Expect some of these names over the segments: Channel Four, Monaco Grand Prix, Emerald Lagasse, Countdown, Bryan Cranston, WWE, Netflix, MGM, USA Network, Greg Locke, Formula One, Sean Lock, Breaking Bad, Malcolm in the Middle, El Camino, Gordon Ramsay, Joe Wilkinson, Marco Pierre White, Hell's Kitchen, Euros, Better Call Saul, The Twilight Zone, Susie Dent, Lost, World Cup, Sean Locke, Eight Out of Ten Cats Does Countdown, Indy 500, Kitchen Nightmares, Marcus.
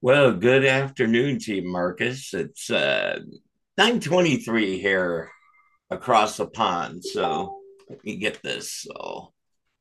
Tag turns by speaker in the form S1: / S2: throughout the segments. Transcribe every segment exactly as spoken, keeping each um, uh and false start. S1: Well, good afternoon to you, Marcus. It's uh, nine twenty-three here across the pond. So let me get this. So,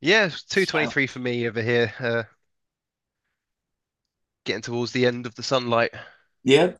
S2: Yeah, two
S1: so-
S2: twenty-three for me over here. Uh, getting towards the end of the sunlight.
S1: yep,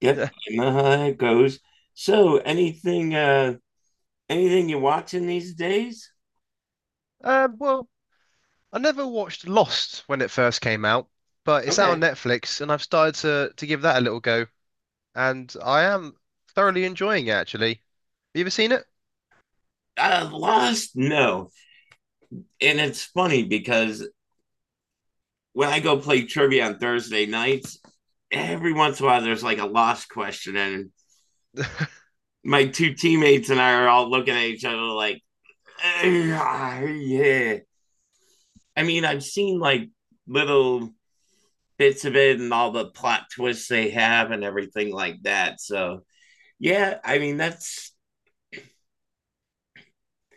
S1: yep.
S2: Yeah.
S1: You know how it goes. So anything uh anything you watching these days?
S2: Um, well, I never watched Lost when it first came out, but it's out on
S1: Okay.
S2: Netflix, and I've started to to give that a little go, and I am thoroughly enjoying it actually. Have you ever seen it?
S1: Uh Lost? No. And it's funny because when I go play trivia on Thursday nights, every once in a while there's like a lost question and my two teammates and I are all looking at each other like Yeah, yeah. I mean, I've seen like little bits of it and all the plot twists they have and everything like that. So, yeah, I mean, that's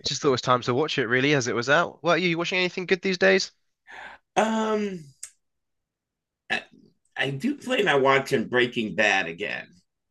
S2: I just thought it was time to watch it really, as it was out. What are you, you watching anything good these days?
S1: um I, I do plan on watching Breaking Bad again.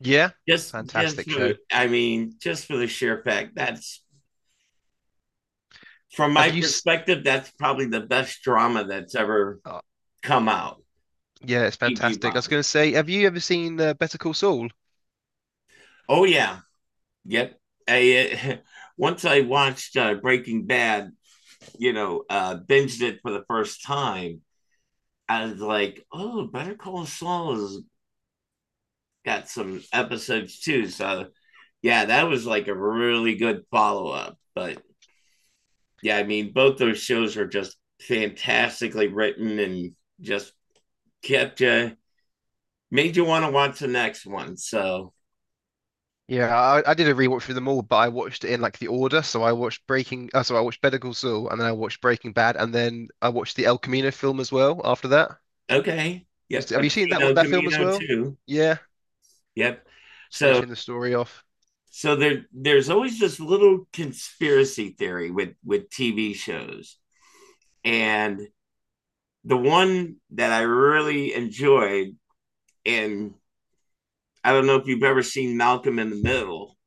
S2: Yeah,
S1: Just just
S2: fantastic
S1: for the,
S2: show.
S1: I mean, just for the sheer fact that's, from
S2: Have
S1: my
S2: you? S-
S1: perspective, that's probably the best drama that's ever
S2: oh,
S1: come out,
S2: yeah, it's
S1: T V
S2: fantastic. I was going
S1: wise.
S2: to say, have you ever seen uh, Better Call Saul?
S1: Oh yeah. Yep. I, uh, Once I watched uh, Breaking Bad, you know, uh, binged it for the first time, I was like, oh, Better Call Saul has got some episodes too. So, yeah, that was like a really good follow up. But yeah, I mean, both those shows are just fantastically written and just kept you, made you want to watch the next one. So,
S2: Yeah, I, I did a rewatch through them all, but I watched it in like the order. So I watched Breaking, uh, so I watched Better Call Saul, and then I watched Breaking Bad, and then I watched the El Camino film as well. After that,
S1: okay.
S2: just
S1: Yep.
S2: have
S1: I've
S2: you seen
S1: seen
S2: that
S1: El
S2: that film as
S1: Camino
S2: well?
S1: too.
S2: Yeah,
S1: Yep.
S2: just
S1: So,
S2: finishing the story off.
S1: so there, there's always this little conspiracy theory with, with T V shows. And the one that I really enjoyed, and I don't know if you've ever seen Malcolm in the Middle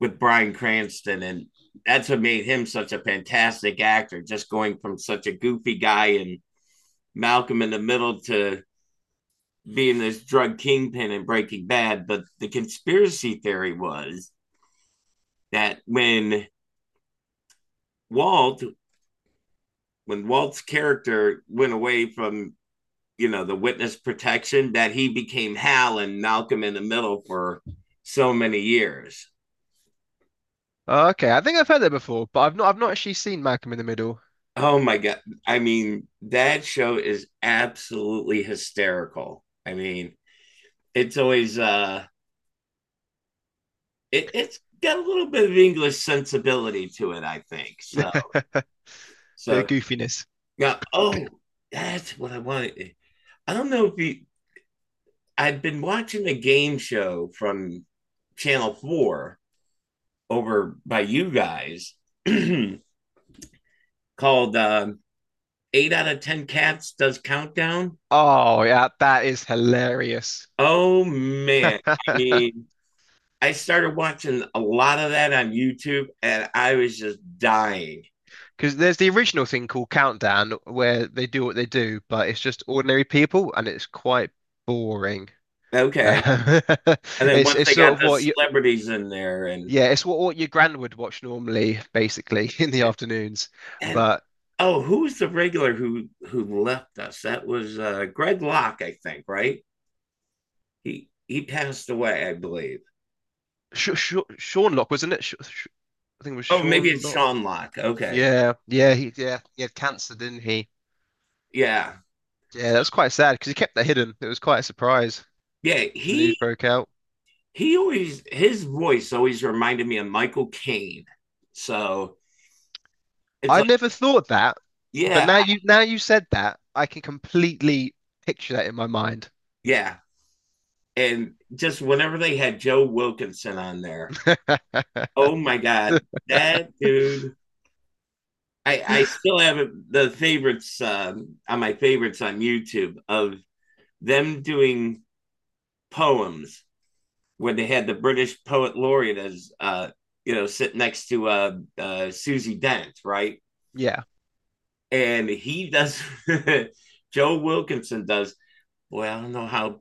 S1: with Bryan Cranston, and that's what made him such a fantastic actor, just going from such a goofy guy in Malcolm in the Middle to being this drug kingpin in Breaking Bad. But the conspiracy theory was that when Walt, when Walt's character went away from you know the witness protection, that he became Hal and Malcolm in the Middle for so many years.
S2: Uh, Okay, I think I've heard that before, but I've not I've not actually seen Malcolm in the Middle.
S1: Oh my god! I mean, that show is absolutely hysterical. I mean, it's always uh, it, it's got a little bit of English sensibility to it, I think. So,
S2: Bit of
S1: so
S2: goofiness.
S1: now, oh, that's what I wanted. I don't know if you. I've been watching a game show from Channel Four over by you guys. called um, Eight Out of Ten Cats Does Countdown.
S2: Oh yeah, that is hilarious.
S1: Oh man, I mean, I started watching a lot of that on YouTube, and I was just dying.
S2: Because there's the original thing called Countdown, where they do what they do, but it's just ordinary people, and it's quite boring. Um,
S1: Okay, and then
S2: it's
S1: once
S2: it's
S1: they
S2: sort
S1: got
S2: of
S1: the
S2: what you
S1: celebrities in there, and
S2: Yeah, it's what, what your gran would watch normally basically in the afternoons,
S1: and
S2: but
S1: oh, who was the regular who who left us? That was uh, Greg Locke, I think. Right? He he passed away, I believe.
S2: Sh Sh Sean Lock, wasn't it? Sh Sh I think it was
S1: Oh, maybe
S2: Sean
S1: it's
S2: Lock.
S1: Sean Locke. Okay,
S2: Yeah yeah he yeah he had cancer, didn't he?
S1: yeah,
S2: Yeah, that's quite sad because he kept that hidden. It was quite a surprise
S1: yeah.
S2: when the news
S1: He
S2: broke out.
S1: he always his voice always reminded me of Michael Caine. So it's
S2: I
S1: like,
S2: never thought that, but
S1: yeah,
S2: now you now you said that, I can completely picture that in my mind.
S1: yeah. And just whenever they had Joe Wilkinson on there, oh my God, that dude. I, I still have the favorites, um, on my favorites on YouTube of them doing poems where they had the British poet laureate as uh, you know sit next to uh, uh, Susie Dent, right?
S2: Yeah,
S1: And he does, Joe Wilkinson does, well, I don't know how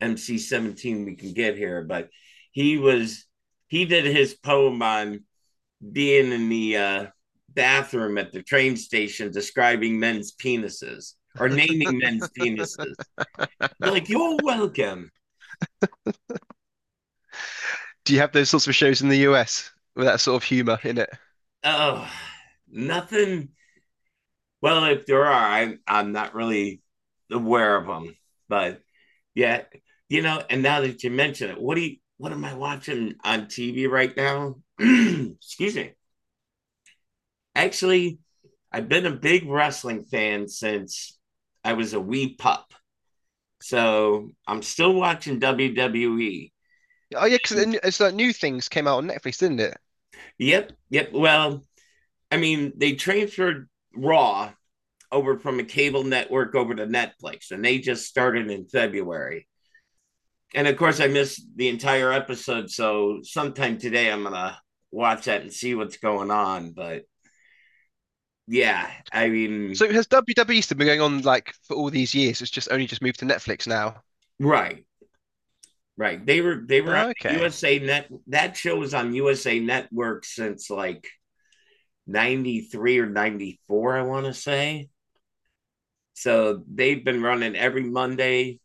S1: M C seventeen we can get here, but he was he did his poem on being in the uh, bathroom at the train station describing men's penises or naming men's penises. They're like, you're welcome.
S2: do you have those sorts of shows in the U S with that sort of humor in it?
S1: Oh, nothing. Well, if there are, I, I'm not really aware of them, but yeah, you know. And now that you mention it, what do you, what am I watching on T V right now? Excuse me. Actually, I've been a big wrestling fan since I was a wee pup. So I'm still watching W W E.
S2: Oh yeah, because it's like new things came out on Netflix, didn't it?
S1: Yep, yep. Well, I mean, they transferred Raw over from a cable network over to Netflix, and they just started in February. And of course, I missed the entire episode. So sometime today, I'm going to watch that and see what's going on. But yeah, I mean,
S2: So has W W E still been going on like for all these years? It's just only just moved to Netflix now.
S1: right. Right. They were they were on the
S2: Okay.
S1: U S A Net. That show was on U S A Network since like 'ninety-three or 'ninety-four, I want to say. So they've been running every Monday,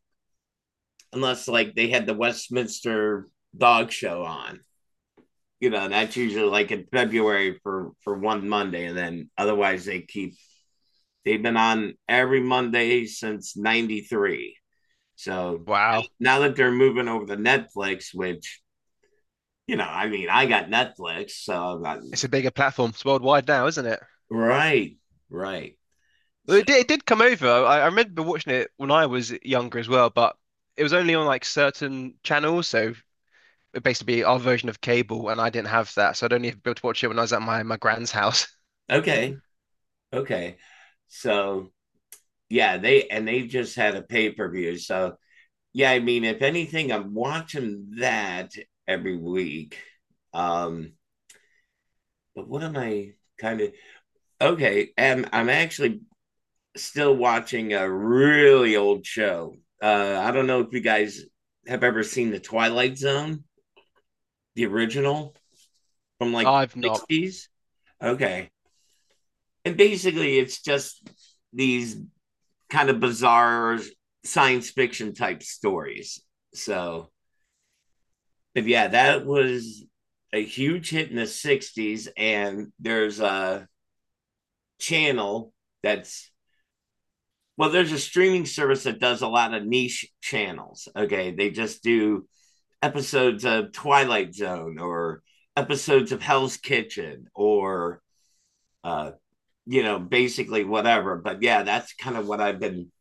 S1: unless like they had the Westminster Dog Show on. You know, that's usually like in February for for one Monday, and then otherwise they keep. They've been on every Monday since 'ninety-three. So
S2: Wow.
S1: now that they're moving over to Netflix, which, you know, I mean, I got Netflix, so I,
S2: It's a bigger platform. It's worldwide now, isn't it?
S1: right, right.
S2: Well,
S1: So
S2: it did, it did come over. I, I remember watching it when I was younger as well, but it was only on like certain channels. So it basically our version of cable, and I didn't have that, so I'd only be able to watch it when I was at my my grand's house.
S1: okay, okay. So yeah, they and they just had a pay per view. So yeah, I mean, if anything, I'm watching that every week. Um, but what am I kind of okay? And I'm actually still watching a really old show. Uh, I don't know if you guys have ever seen The Twilight Zone, the original from like the
S2: I've not.
S1: sixties. Okay. And basically it's just these kind of bizarre science fiction type stories. So, but yeah, that was a huge hit in the sixties. And there's a channel that's, well, there's a streaming service that does a lot of niche channels. Okay. They just do episodes of Twilight Zone or episodes of Hell's Kitchen or, uh, you know, basically whatever. But yeah, that's kind of what I've been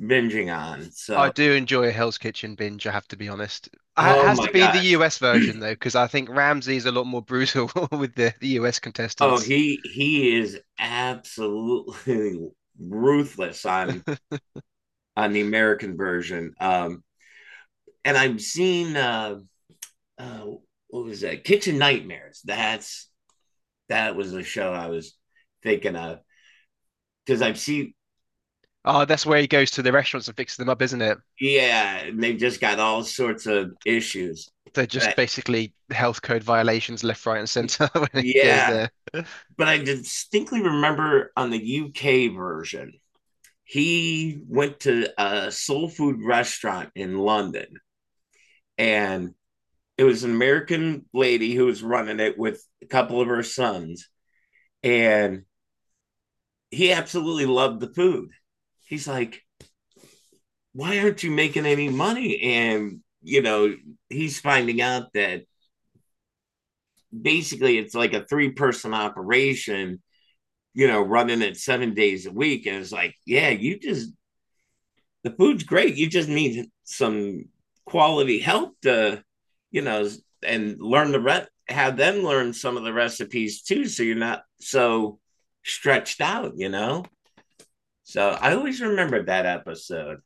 S1: binging on.
S2: I
S1: So,
S2: do enjoy a Hell's Kitchen binge, I have to be honest. Ha-
S1: oh
S2: has to
S1: my
S2: be the U S
S1: gosh.
S2: version though, because I think Ramsay's a lot more brutal with the, the U S
S1: Oh,
S2: contestants.
S1: he he is absolutely ruthless on on the American version. Um, and I've seen uh, uh, what was that? Kitchen Nightmares. That's that was the show I was thinking of because I've seen.
S2: Oh, that's where he goes to the restaurants and fixes them up, isn't it?
S1: Yeah, and they've just got all sorts of issues.
S2: They're just
S1: But,
S2: basically health code violations left, right, and center when he goes
S1: yeah,
S2: there.
S1: but I distinctly remember on the U K version he went to a soul food restaurant in London, and it was an American lady who was running it with a couple of her sons, and he absolutely loved the food. He's like, "Why aren't you making any money?" And, you know, he's finding out that basically it's like a three person operation, you know, running it seven days a week. And it's like, yeah, you just the food's great. You just need some quality help to, you know, and learn the re- have them learn some of the recipes too, so you're not so stretched out, you know. So I always remembered that episode.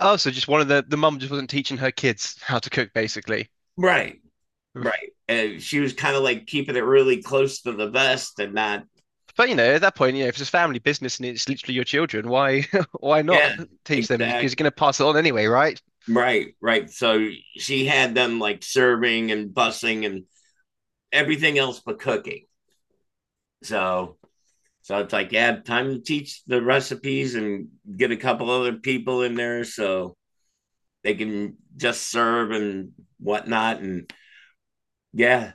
S2: Oh, so just one of the the mum just wasn't teaching her kids how to cook, basically.
S1: Right,
S2: Oof.
S1: right. And she was kind of like keeping it really close to the vest and not.
S2: But you know, at that point, you know, if it's a family business and it's literally your children, why why not
S1: Yeah,
S2: teach them? Because you're
S1: exactly.
S2: going to pass it on anyway, right?
S1: Right, right. So she had them like serving and bussing and everything else but cooking. So So it's like, yeah, time to teach the recipes and get a couple other people in there so they can just serve and whatnot. And yeah,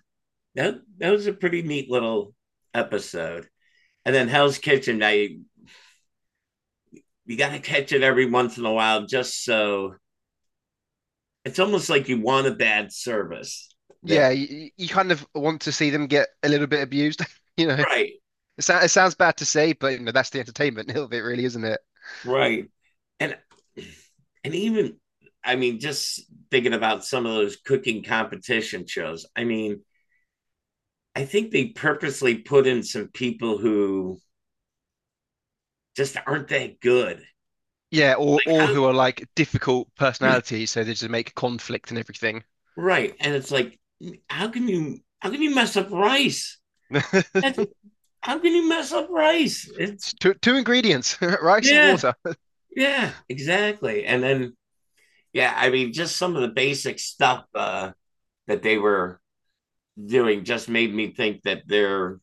S1: that, that was a pretty neat little episode. And then Hell's Kitchen, I you gotta catch it every once in a while just so it's almost like you want a bad service there.
S2: Yeah, you, you kind of want to see them get a little bit abused, you know.
S1: Right.
S2: It, sou- it sounds bad to say, but you know, that's the entertainment of it, really, isn't it?
S1: Right. And and even I mean, just thinking about some of those cooking competition shows. I mean, I think they purposely put in some people who just aren't that good.
S2: Yeah, or or
S1: How,
S2: who are like difficult personalities, so they just make conflict and everything.
S1: right. And it's like, how can you how can you mess up rice? That's, how can you mess up rice? It's
S2: It's two two ingredients, rice and
S1: yeah,
S2: water.
S1: yeah, exactly. And then yeah, I mean, just some of the basic stuff uh, that they were doing just made me think that they're,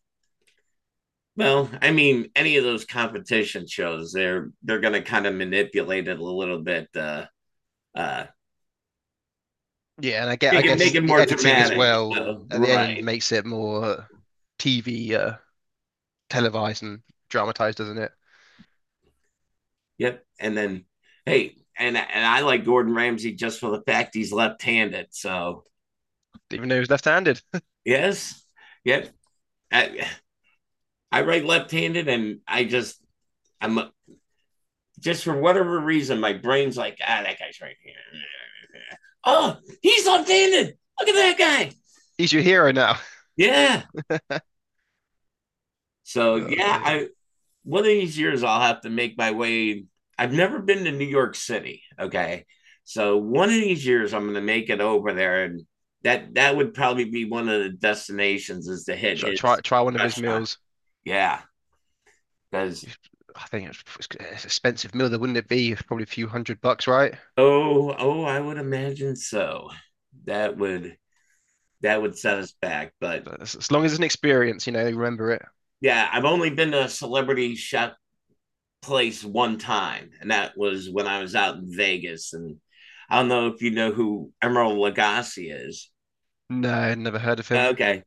S1: well, I mean, any of those competition shows, they're they're going to kind of manipulate it a little bit uh, uh,
S2: Yeah, and I get I
S1: Make it make
S2: guess
S1: it
S2: the
S1: more
S2: editing as
S1: dramatic.
S2: well
S1: So,
S2: at the end
S1: right.
S2: makes it more T V uh, televised and dramatized, doesn't it?
S1: Yep. And then hey, and and I like Gordon Ramsay just for the fact he's left-handed. So
S2: Even though he's left-handed,
S1: yes, yep. I, I write left-handed, and I just I'm just for whatever reason my brain's like, ah that guy's right here. Oh, he's left-handed. Look at that guy.
S2: he's your hero now.
S1: Yeah. So
S2: Oh
S1: yeah,
S2: dear.
S1: I one of these years I'll have to make my way. I've never been to New York City. Okay. So one of these years I'm gonna make it over there, and that that would probably be one of the destinations is to hit
S2: Sh- Try
S1: his
S2: try one of his
S1: restaurant.
S2: meals.
S1: Yeah. Because
S2: I think it's, it's an expensive meal, though, wouldn't it be? Probably a few hundred bucks, right?
S1: oh oh I would imagine so. That would that would set us back. But
S2: But as, as long as it's an experience, you know, you remember it.
S1: yeah, I've only been to a celebrity chef place one time, and that was when I was out in Vegas. And I don't know if you know who Emerald Lagasse is.
S2: No, never heard of him.
S1: Okay.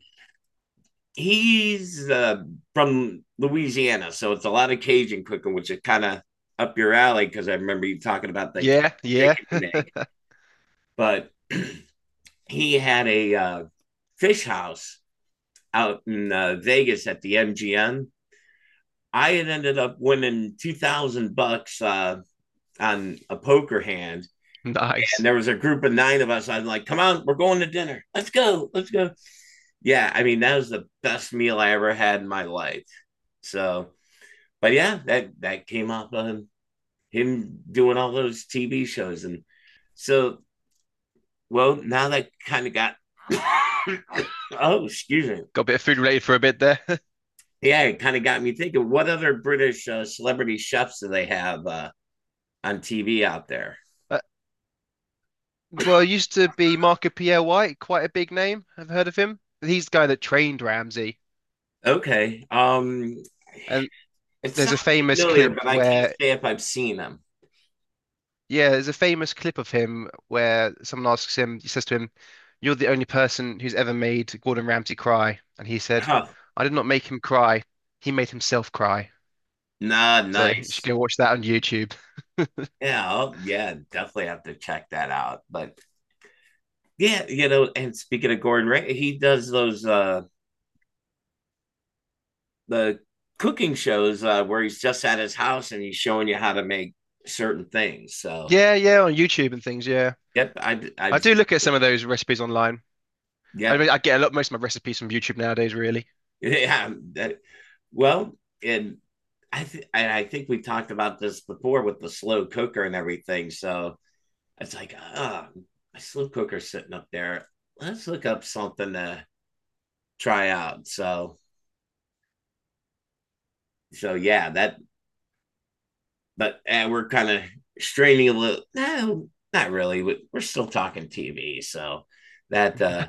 S1: He's uh, from Louisiana, so it's a lot of Cajun cooking, which is kind of up your alley because I remember you talking about the
S2: Yeah, yeah,
S1: chicken you make. But he had a uh, fish house out in uh, Vegas at the M G M. I had ended up winning two thousand bucks uh, on a poker hand, and
S2: nice.
S1: there was a group of nine of us. I'm like, "Come on, we're going to dinner. Let's go, let's go." Yeah, I mean that was the best meal I ever had in my life. So but yeah, that that came off of him doing all those T V shows. And so, well, now that kind of got oh, excuse me.
S2: Got a bit of food related for a bit there.
S1: Yeah, it kind of got me thinking what other British uh, celebrity chefs do they have uh, on T V out there?
S2: Uh, Well, it used to be Marco Pierre White, quite a big name. I've heard of him. He's the guy that trained Ramsey.
S1: Okay, um,
S2: And
S1: it
S2: there's
S1: sounds
S2: a famous
S1: familiar,
S2: clip
S1: but I can't
S2: where,
S1: say if I've seen them.
S2: yeah, there's a famous clip of him where someone asks him, he says to him, "You're the only person who's ever made Gordon Ramsay cry." And he said,
S1: Huh.
S2: "I did not make him cry. He made himself cry."
S1: Nah,
S2: So you should
S1: nice.
S2: go watch that on YouTube.
S1: Yeah, I'll, yeah, definitely have to check that out. But yeah, you know, and speaking of Gordon Ramsay, he does those uh the cooking shows, uh, where he's just at his house and he's showing you how to make certain things. So
S2: Yeah, yeah, on YouTube and things. Yeah,
S1: yep, I I
S2: I do look at some of those recipes online. I
S1: yep
S2: mean, I get a lot most of my recipes from YouTube nowadays, really.
S1: yeah. That, well, and I th- and I think we talked about this before with the slow cooker and everything. So it's like ah, oh, my slow cooker's sitting up there. Let's look up something to try out. So so yeah, that but eh, we're kind of straining a little. No, not really. We- are still talking T V, so that. uh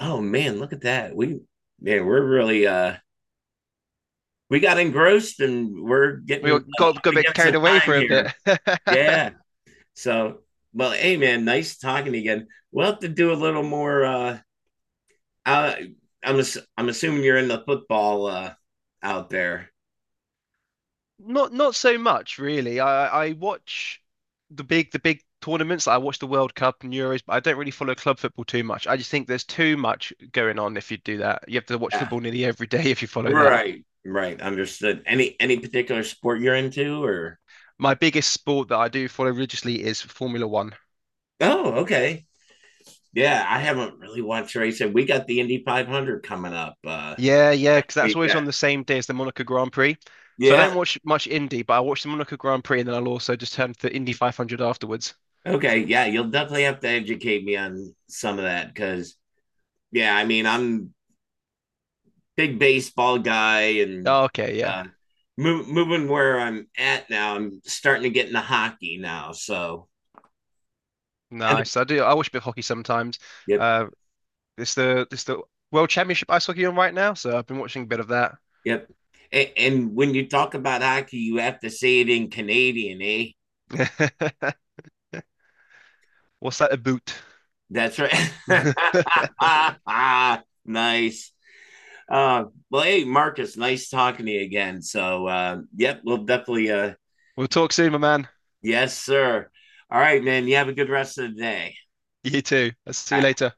S1: Oh man, look at that. We, man, we're really uh we got engrossed and we're
S2: We
S1: getting
S2: all
S1: uh, up
S2: got got a bit
S1: against the
S2: carried away
S1: time
S2: for a bit.
S1: here. Yeah. So, well, hey man, nice talking to you again. We'll have to do a little more. uh uh, I'm I'm assuming you're in the football uh out there.
S2: Not not so much, really. I I watch the big the big tournaments, like I watch the World Cup and Euros, but I don't really follow club football too much. I just think there's too much going on if you do that. You have to watch
S1: Yeah.
S2: football nearly every day if you follow that.
S1: Right. Right. Understood. Any any particular sport you're into or?
S2: My biggest sport that I do follow religiously is Formula One.
S1: Oh, okay. Yeah, I haven't really watched racing. We got the Indy five hundred coming up uh
S2: Yeah, yeah, because that's always
S1: weekend.
S2: on the same day as the Monaco Grand Prix. So I
S1: Yeah.
S2: don't watch much Indy, but I watch the Monaco Grand Prix and then I'll also just turn to Indy five hundred afterwards.
S1: Okay. Yeah, you'll definitely have to educate me on some of that because yeah, I mean I'm big baseball guy and
S2: Oh, okay, yeah,
S1: uh, move, moving where I'm at now. I'm starting to get into hockey now. So and
S2: nice. I do. I watch a bit of hockey sometimes.
S1: yep,
S2: Uh, it's the it's the World Championship ice hockey on right now, so I've been watching a bit of that.
S1: yep. And, and when you talk about hockey, you have to say it in Canadian, eh?
S2: What's that about?
S1: That's right. nice. Uh, well, hey, Marcus, nice talking to you again. So, uh, yep, we'll definitely, uh,
S2: We'll talk soon, my man.
S1: yes, sir. All right, man. You have a good rest of the day.
S2: You too. I'll see
S1: All
S2: you
S1: right.
S2: later.